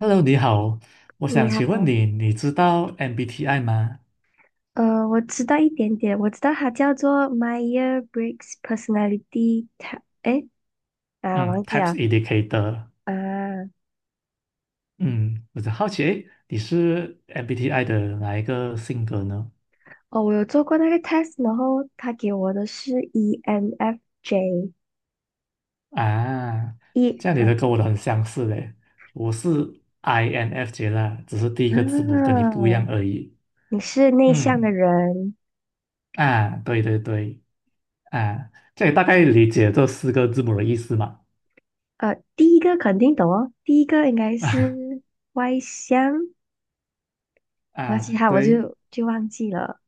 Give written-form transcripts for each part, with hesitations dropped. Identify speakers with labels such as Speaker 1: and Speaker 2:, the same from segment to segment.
Speaker 1: Hello，你好，我
Speaker 2: 你
Speaker 1: 想请问
Speaker 2: 好。
Speaker 1: 你，你知道 MBTI 吗？
Speaker 2: 我知道一点点，我知道它叫做 Myers Briggs Personality Test。
Speaker 1: 嗯
Speaker 2: 忘记
Speaker 1: ，Types
Speaker 2: 了。
Speaker 1: Indicator。
Speaker 2: 啊，
Speaker 1: 嗯，我就好奇，诶，你是 MBTI 的哪一个性格呢？
Speaker 2: 哦，我有做过那个 test，然后他给我的是 ENFJ，E。
Speaker 1: 啊，这样你
Speaker 2: 啊，
Speaker 1: 的跟我的
Speaker 2: 对。
Speaker 1: 很相似嘞，我是 INFJ 啦，只是第一个字母跟
Speaker 2: 啊，
Speaker 1: 你不一样而已。
Speaker 2: 你是内向的
Speaker 1: 嗯，
Speaker 2: 人。
Speaker 1: 啊，对对对，啊，这也大概理解这四个字母的意思嘛？
Speaker 2: 第一个肯定懂哦，第一个应该
Speaker 1: 啊
Speaker 2: 是外向，然后其
Speaker 1: 啊，
Speaker 2: 他我
Speaker 1: 对，
Speaker 2: 就忘记了。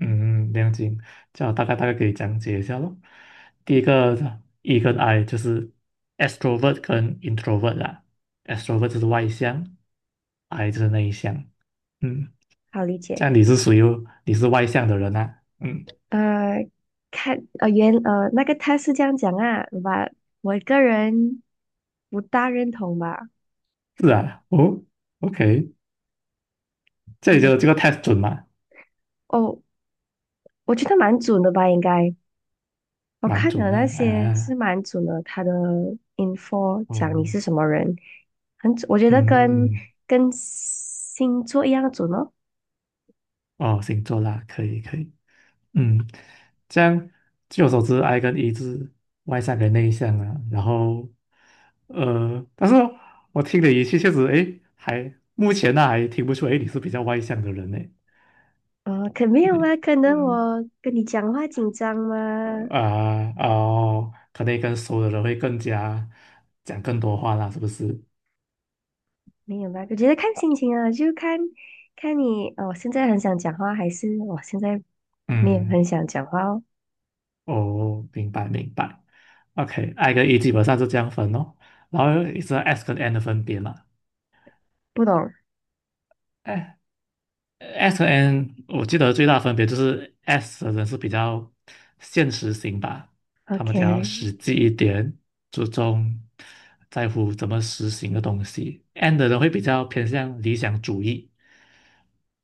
Speaker 1: 嗯，了解，这样我大概给你讲解一下咯。第一个 E 跟 I 就是 extrovert 跟 introvert 啦，extrovert 就是外向，I 就是内向。嗯，
Speaker 2: 好理
Speaker 1: 这
Speaker 2: 解。
Speaker 1: 样你是外向的人啊？嗯，
Speaker 2: 呃，那个他是这样讲啊，吧，我个人不大认同吧。
Speaker 1: 是啊，哦，OK，这里
Speaker 2: 嗯，我
Speaker 1: 就
Speaker 2: 觉
Speaker 1: 这
Speaker 2: 得，
Speaker 1: 个 test 准吗？
Speaker 2: 哦，我觉得蛮准的吧，应该，我
Speaker 1: 蛮
Speaker 2: 看
Speaker 1: 准
Speaker 2: 了那
Speaker 1: 啊，
Speaker 2: 些是
Speaker 1: 啊，
Speaker 2: 蛮准的，他的 info 讲你
Speaker 1: 哦，
Speaker 2: 是什么人，很准，我觉得跟
Speaker 1: 嗯，
Speaker 2: 跟星座一样准哦。
Speaker 1: 哦，星座啦，可以可以。嗯，这样据我所知，I 跟 E 是外向跟内向啊。然后，但是我听你语气确实，诶，还目前呢、还听不出，诶，你是比较外向的人呢。
Speaker 2: 可没有
Speaker 1: 你
Speaker 2: 啊，可能
Speaker 1: 嗯
Speaker 2: 我跟你讲话紧张吗？
Speaker 1: 啊哦，可能跟熟的人会更加讲更多话啦，是不是？
Speaker 2: 没有吧，我觉得看心情啊，就看你，我现在很想讲话，还是我现在你也
Speaker 1: 嗯，
Speaker 2: 很想讲话哦。
Speaker 1: 哦，明白明白。OK，I 跟 E 基本上是这样分哦，然后是 S 跟 N 的分别嘛。
Speaker 2: 不懂
Speaker 1: S 和 N 我记得最大分别就是 S 的人是比较现实型吧，他们比较
Speaker 2: ？OK。
Speaker 1: 实际一点，注重在乎怎么实行的东西。N 的人会比较偏向理想主义，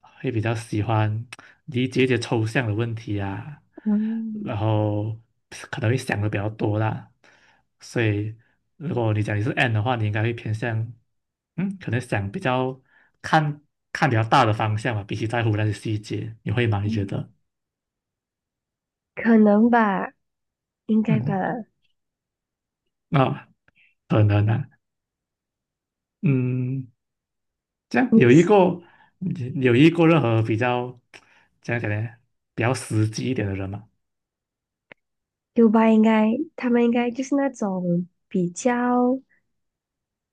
Speaker 1: 会比较喜欢理解一些抽象的问题啊，
Speaker 2: 嗯
Speaker 1: 然后可能会想的比较多啦。所以，如果你讲你是 N 的话，你应该会偏向，嗯，可能想比较看看比较大的方向吧，比起在乎那些细节，你会吗？你觉
Speaker 2: 嗯，
Speaker 1: 得？
Speaker 2: 可能吧，应该吧。
Speaker 1: 嗯，啊，可能啊，嗯，这样
Speaker 2: 你
Speaker 1: 有一
Speaker 2: 是
Speaker 1: 个有一个任何比较怎样讲呢，比较实际一点的人嘛，
Speaker 2: U 吧？应该他们应该就是那种比较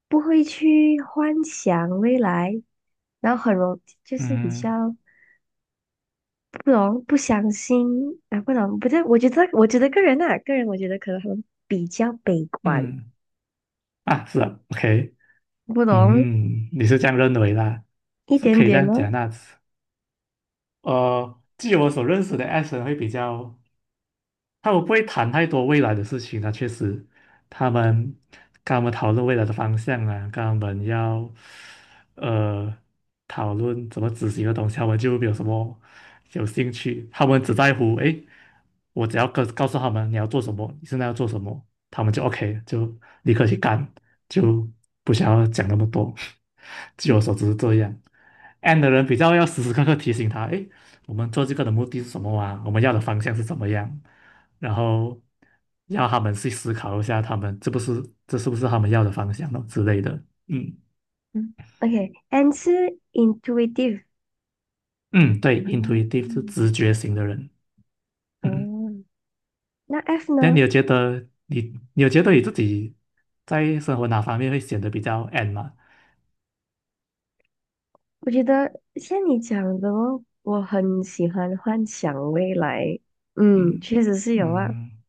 Speaker 2: 不会去幻想未来，然后很容就是比
Speaker 1: 嗯
Speaker 2: 较不相信啊，不对，我觉得个人啊，个人我觉得可能他们比较悲观。
Speaker 1: 嗯啊，是啊，OK。
Speaker 2: 不懂
Speaker 1: 嗯，你是这样认为啦，
Speaker 2: 一
Speaker 1: 是
Speaker 2: 点
Speaker 1: 可以这
Speaker 2: 点
Speaker 1: 样
Speaker 2: 哦。
Speaker 1: 讲那，据我所认识的 S 人会比较，他们不会谈太多未来的事情啊，确实，他们跟他们讨论未来的方向啊，跟他们要呃讨论怎么执行的东西，他们就没有什么有兴趣，他们只在乎诶我只要告诉他们你要做什么，你现在要做什么，他们就 OK，就立刻去干，就不想要讲那么多。据我所知
Speaker 2: 嗯
Speaker 1: 是这样，N a 的人比较要时时刻刻提醒他，诶，我们做这个的目的是什么啊？我们要的方向是怎么样？然后要他们去思考一下，他们这是不是他们要的方向咯之类的。嗯
Speaker 2: 嗯，OK，and 是 intuitive。
Speaker 1: 嗯，对
Speaker 2: 啊，
Speaker 1: ，intuitive 是直觉型的人。嗯。
Speaker 2: 嗯，那 F
Speaker 1: 那你
Speaker 2: 呢？
Speaker 1: 有觉得你你有觉得你自己在生活哪方面会显得比较 N 吗？
Speaker 2: 我觉得像你讲的哦，我很喜欢幻想未来。嗯，
Speaker 1: 嗯
Speaker 2: 确实是有啊。
Speaker 1: 嗯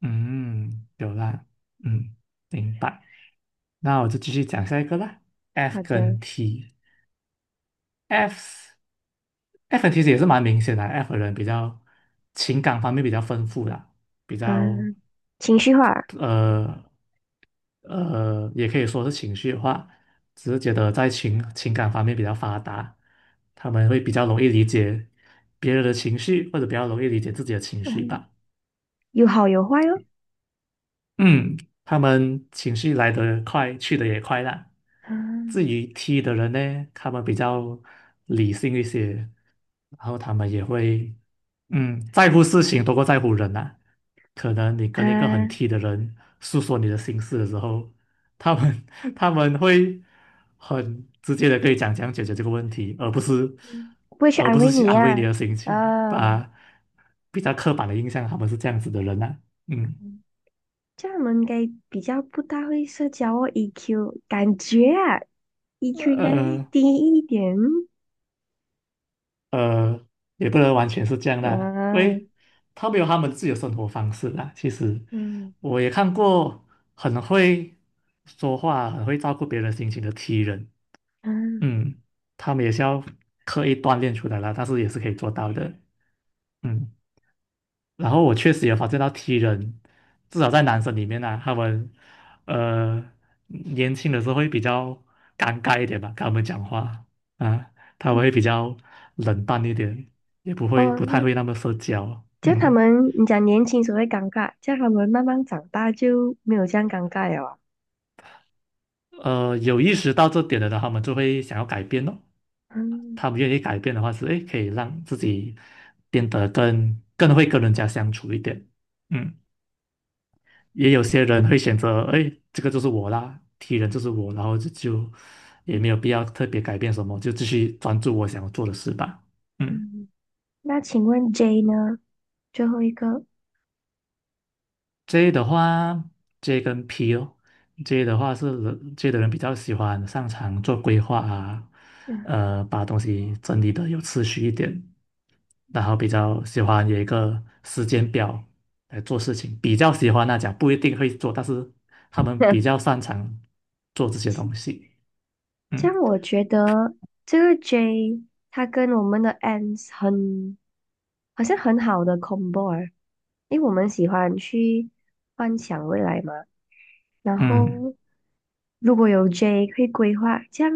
Speaker 1: 嗯，有啦，嗯，明白。那我就继续讲下一个啦。F
Speaker 2: 好的。
Speaker 1: 跟 T，F F 跟 T 其实也是蛮明显的啊，F 的人比较情感方面比较丰富啦，比较
Speaker 2: 嗯，情绪化。
Speaker 1: 呃也可以说是情绪化，只是觉得在情感方面比较发达，他们会比较容易理解别人的情绪，或者比较容易理解自己的情绪
Speaker 2: 嗯，
Speaker 1: 吧。
Speaker 2: 有好有坏哦。
Speaker 1: 嗯，他们情绪来得快，去得也快啦。至
Speaker 2: 嗯
Speaker 1: 于 T 的人呢，他们比较理性一些，然后他们也会，嗯，在乎事情多过在乎人呐、可能你
Speaker 2: 啊，
Speaker 1: 跟一个很 T 的人诉说你的心事的时候，他们 他们会很直接的跟你讲怎样解决这个问题，而不是
Speaker 2: 嗯不会去
Speaker 1: 而
Speaker 2: 安
Speaker 1: 不是
Speaker 2: 慰
Speaker 1: 去
Speaker 2: 你
Speaker 1: 安慰你
Speaker 2: 呀、
Speaker 1: 的心情，
Speaker 2: 啊。
Speaker 1: 把比较刻板的印象他们是这样子的人呐、嗯，
Speaker 2: 嗯这样我们应该比较不大会社交哦，EQ 感觉啊，EQ 应该会
Speaker 1: 呃。
Speaker 2: 低一点。
Speaker 1: 呃，也不能完全是这样啦，因
Speaker 2: 啊，
Speaker 1: 为他们有他们自己的生活方式啦。其实
Speaker 2: 嗯
Speaker 1: 我也看过很会说话、很会照顾别人心情的 T 人，
Speaker 2: 嗯，
Speaker 1: 嗯，他们也是要刻意锻炼出来啦，但是也是可以做到的，嗯。然后我确实也发现到 T 人，至少在男生里面呢、啊他们呃年轻的时候会比较尴尬一点吧，跟他们讲话啊，他们会比较冷淡一点，也不会不太
Speaker 2: 哦，
Speaker 1: 会那么社交。
Speaker 2: 这样他
Speaker 1: 嗯，
Speaker 2: 们，你讲年轻时候会尴尬，这样他们慢慢长大就没有这样尴尬了啊。
Speaker 1: 有意识到这点的呢，他们就会想要改变咯。
Speaker 2: 嗯
Speaker 1: 他们愿意改变的话是，诶，可以让自己变得更会跟人家相处一点。嗯。也有些人会选择，哎，这个就是我啦，T 人就是我，然后就也
Speaker 2: 嗯
Speaker 1: 没有必要特别改变什么，就继续专注我想要做的事吧。嗯
Speaker 2: 嗯，那请问 J 呢？最后一个。
Speaker 1: ，J 的话，J 跟 P 哦，J 的人比较喜欢擅长做规划啊，
Speaker 2: 嗯，
Speaker 1: 把东西整理的有次序一点，然后比较喜欢有一个时间表来做事情，比较喜欢那讲不一定会做，但是他们比 较擅长做这些东西。
Speaker 2: 这
Speaker 1: 嗯。
Speaker 2: 样我觉得这个 J 它跟我们的 Ants 很，好像很好的 combo 啊，因为我们喜欢去幻想未来嘛，然
Speaker 1: 嗯
Speaker 2: 后如果有 J 会规划，这样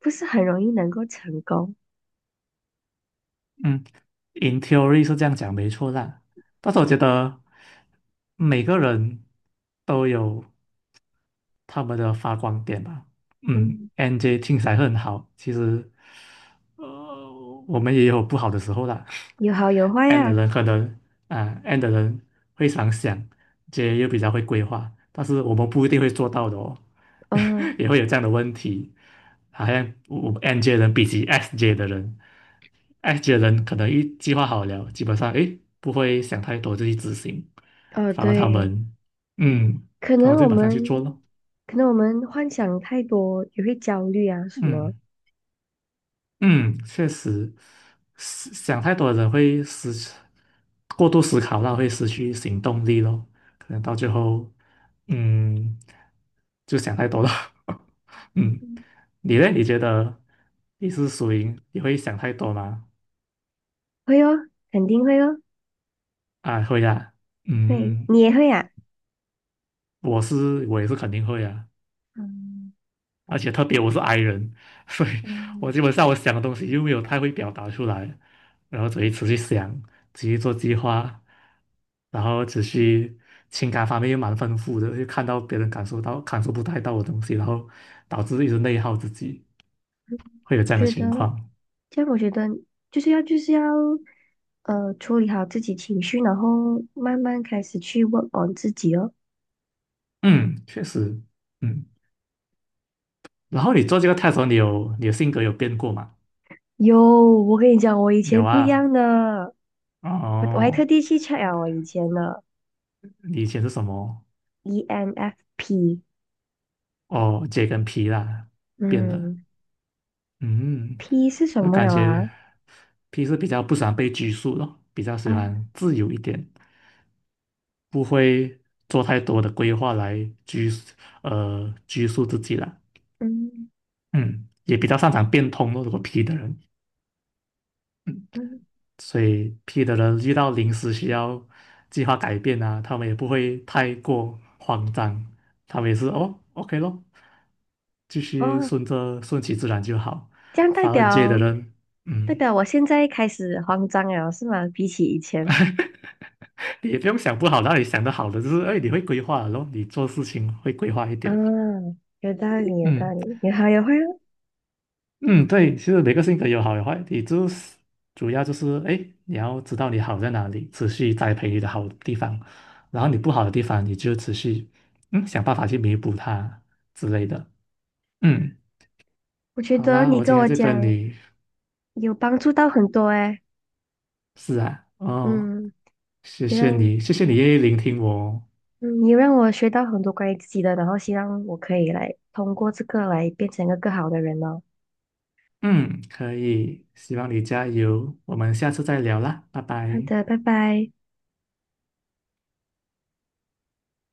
Speaker 2: 不是很容易能够成功。
Speaker 1: 嗯，in theory 是这样讲没错啦，但是我觉得每个人都有他们的发光点吧。嗯
Speaker 2: 嗯，
Speaker 1: ，NJ 听起来很好，其实呃我们也有不好的时候啦。
Speaker 2: 有好有坏
Speaker 1: N 的
Speaker 2: 啊。
Speaker 1: 人可能N 的人会常想，J 又比较会规划，但是我们不一定会做到的哦，
Speaker 2: 嗯，
Speaker 1: 也会有这样的问题。好像我 NJ 人比起 SJ 的人。I 觉得人可能一计划好了，基本上诶不会想太多就去执行，
Speaker 2: 哦，
Speaker 1: 反而
Speaker 2: 对，
Speaker 1: 嗯，
Speaker 2: 可
Speaker 1: 他
Speaker 2: 能
Speaker 1: 们就
Speaker 2: 我
Speaker 1: 马上去做咯。
Speaker 2: 们，可能我们幻想太多，也会焦虑啊，什么。
Speaker 1: 嗯嗯，确实，思想太多的人会失去过度思考，那会失去行动力咯。可能到最后，嗯，就想太多了。嗯，
Speaker 2: 嗯
Speaker 1: 你呢？你觉得你是属于你会想太多吗？
Speaker 2: 会哦，肯定会哦，
Speaker 1: 啊，会啊。嗯，
Speaker 2: 会，
Speaker 1: 嗯
Speaker 2: 你也会啊。
Speaker 1: 我是我也是肯定会啊。
Speaker 2: 嗯
Speaker 1: 而且特别我是 i 人，所以我
Speaker 2: 嗯
Speaker 1: 基本上我想的东西又没有太会表达出来，然后所以持续想，持续做计划，然后持续情感方面又蛮丰富的，又看到别人感受不太到的东西，然后导致一直内耗自己，会有这
Speaker 2: 我
Speaker 1: 样的
Speaker 2: 觉得，
Speaker 1: 情况。
Speaker 2: 这样我觉得就是要,处理好自己情绪，然后慢慢开始去问 o 自己哦。
Speaker 1: 嗯，确实，嗯。然后你做这个 t e s 你的性格有变过吗？
Speaker 2: 有，我跟你讲，我以
Speaker 1: 有
Speaker 2: 前不一
Speaker 1: 啊，
Speaker 2: 样的，我还特
Speaker 1: 哦，
Speaker 2: 地去 check 了我以前的
Speaker 1: 你以前是什么？
Speaker 2: ENFP。
Speaker 1: 哦，J 跟 P 啦，变了。
Speaker 2: 嗯。
Speaker 1: 嗯，
Speaker 2: P 是什
Speaker 1: 那
Speaker 2: 么
Speaker 1: 感
Speaker 2: 了啊？
Speaker 1: 觉 P 是比较不喜欢被拘束的，比较
Speaker 2: 啊，
Speaker 1: 喜欢自由一点，不会做太多的规划来拘束自己了。
Speaker 2: 嗯
Speaker 1: 嗯，也比较擅长变通咯，如果 P 的人，嗯，
Speaker 2: 嗯，
Speaker 1: 所以 P 的人遇到临时需要计划改变啊，他们也不会太过慌张，他们也是哦，OK 咯，继续
Speaker 2: 哦，
Speaker 1: 顺其自然就好。
Speaker 2: 这样
Speaker 1: 反而 J 的人，
Speaker 2: 代
Speaker 1: 嗯。
Speaker 2: 表我现在开始慌张了，是吗？比起以前。
Speaker 1: 也不用想不好，然后你想的好的就是，哎，你会规划了咯，然后你做事情会规划一
Speaker 2: 啊，
Speaker 1: 点。
Speaker 2: 有道理，有道
Speaker 1: 嗯
Speaker 2: 理，你好，有会哦。
Speaker 1: 嗯，对，其实每个性格有好有坏，你就是主要就是，哎，你要知道你好在哪里，持续栽培你的好地方，然后你不好的地方，你就持续想办法去弥补它之类的。嗯，
Speaker 2: 我觉
Speaker 1: 好
Speaker 2: 得
Speaker 1: 啦，
Speaker 2: 你
Speaker 1: 我今
Speaker 2: 跟
Speaker 1: 天
Speaker 2: 我
Speaker 1: 就跟
Speaker 2: 讲
Speaker 1: 你
Speaker 2: 有帮助到很多诶。
Speaker 1: 是啊，哦，
Speaker 2: 嗯，
Speaker 1: 谢
Speaker 2: 你
Speaker 1: 谢
Speaker 2: 让
Speaker 1: 你，谢谢你愿意聆听我哦
Speaker 2: 嗯你让我学到很多关于自己的，然后希望我可以来通过这个来变成一个更好的人哦。
Speaker 1: 嗯，可以，希望你加油，我们下次再聊啦，拜
Speaker 2: 好
Speaker 1: 拜。
Speaker 2: 的，拜拜。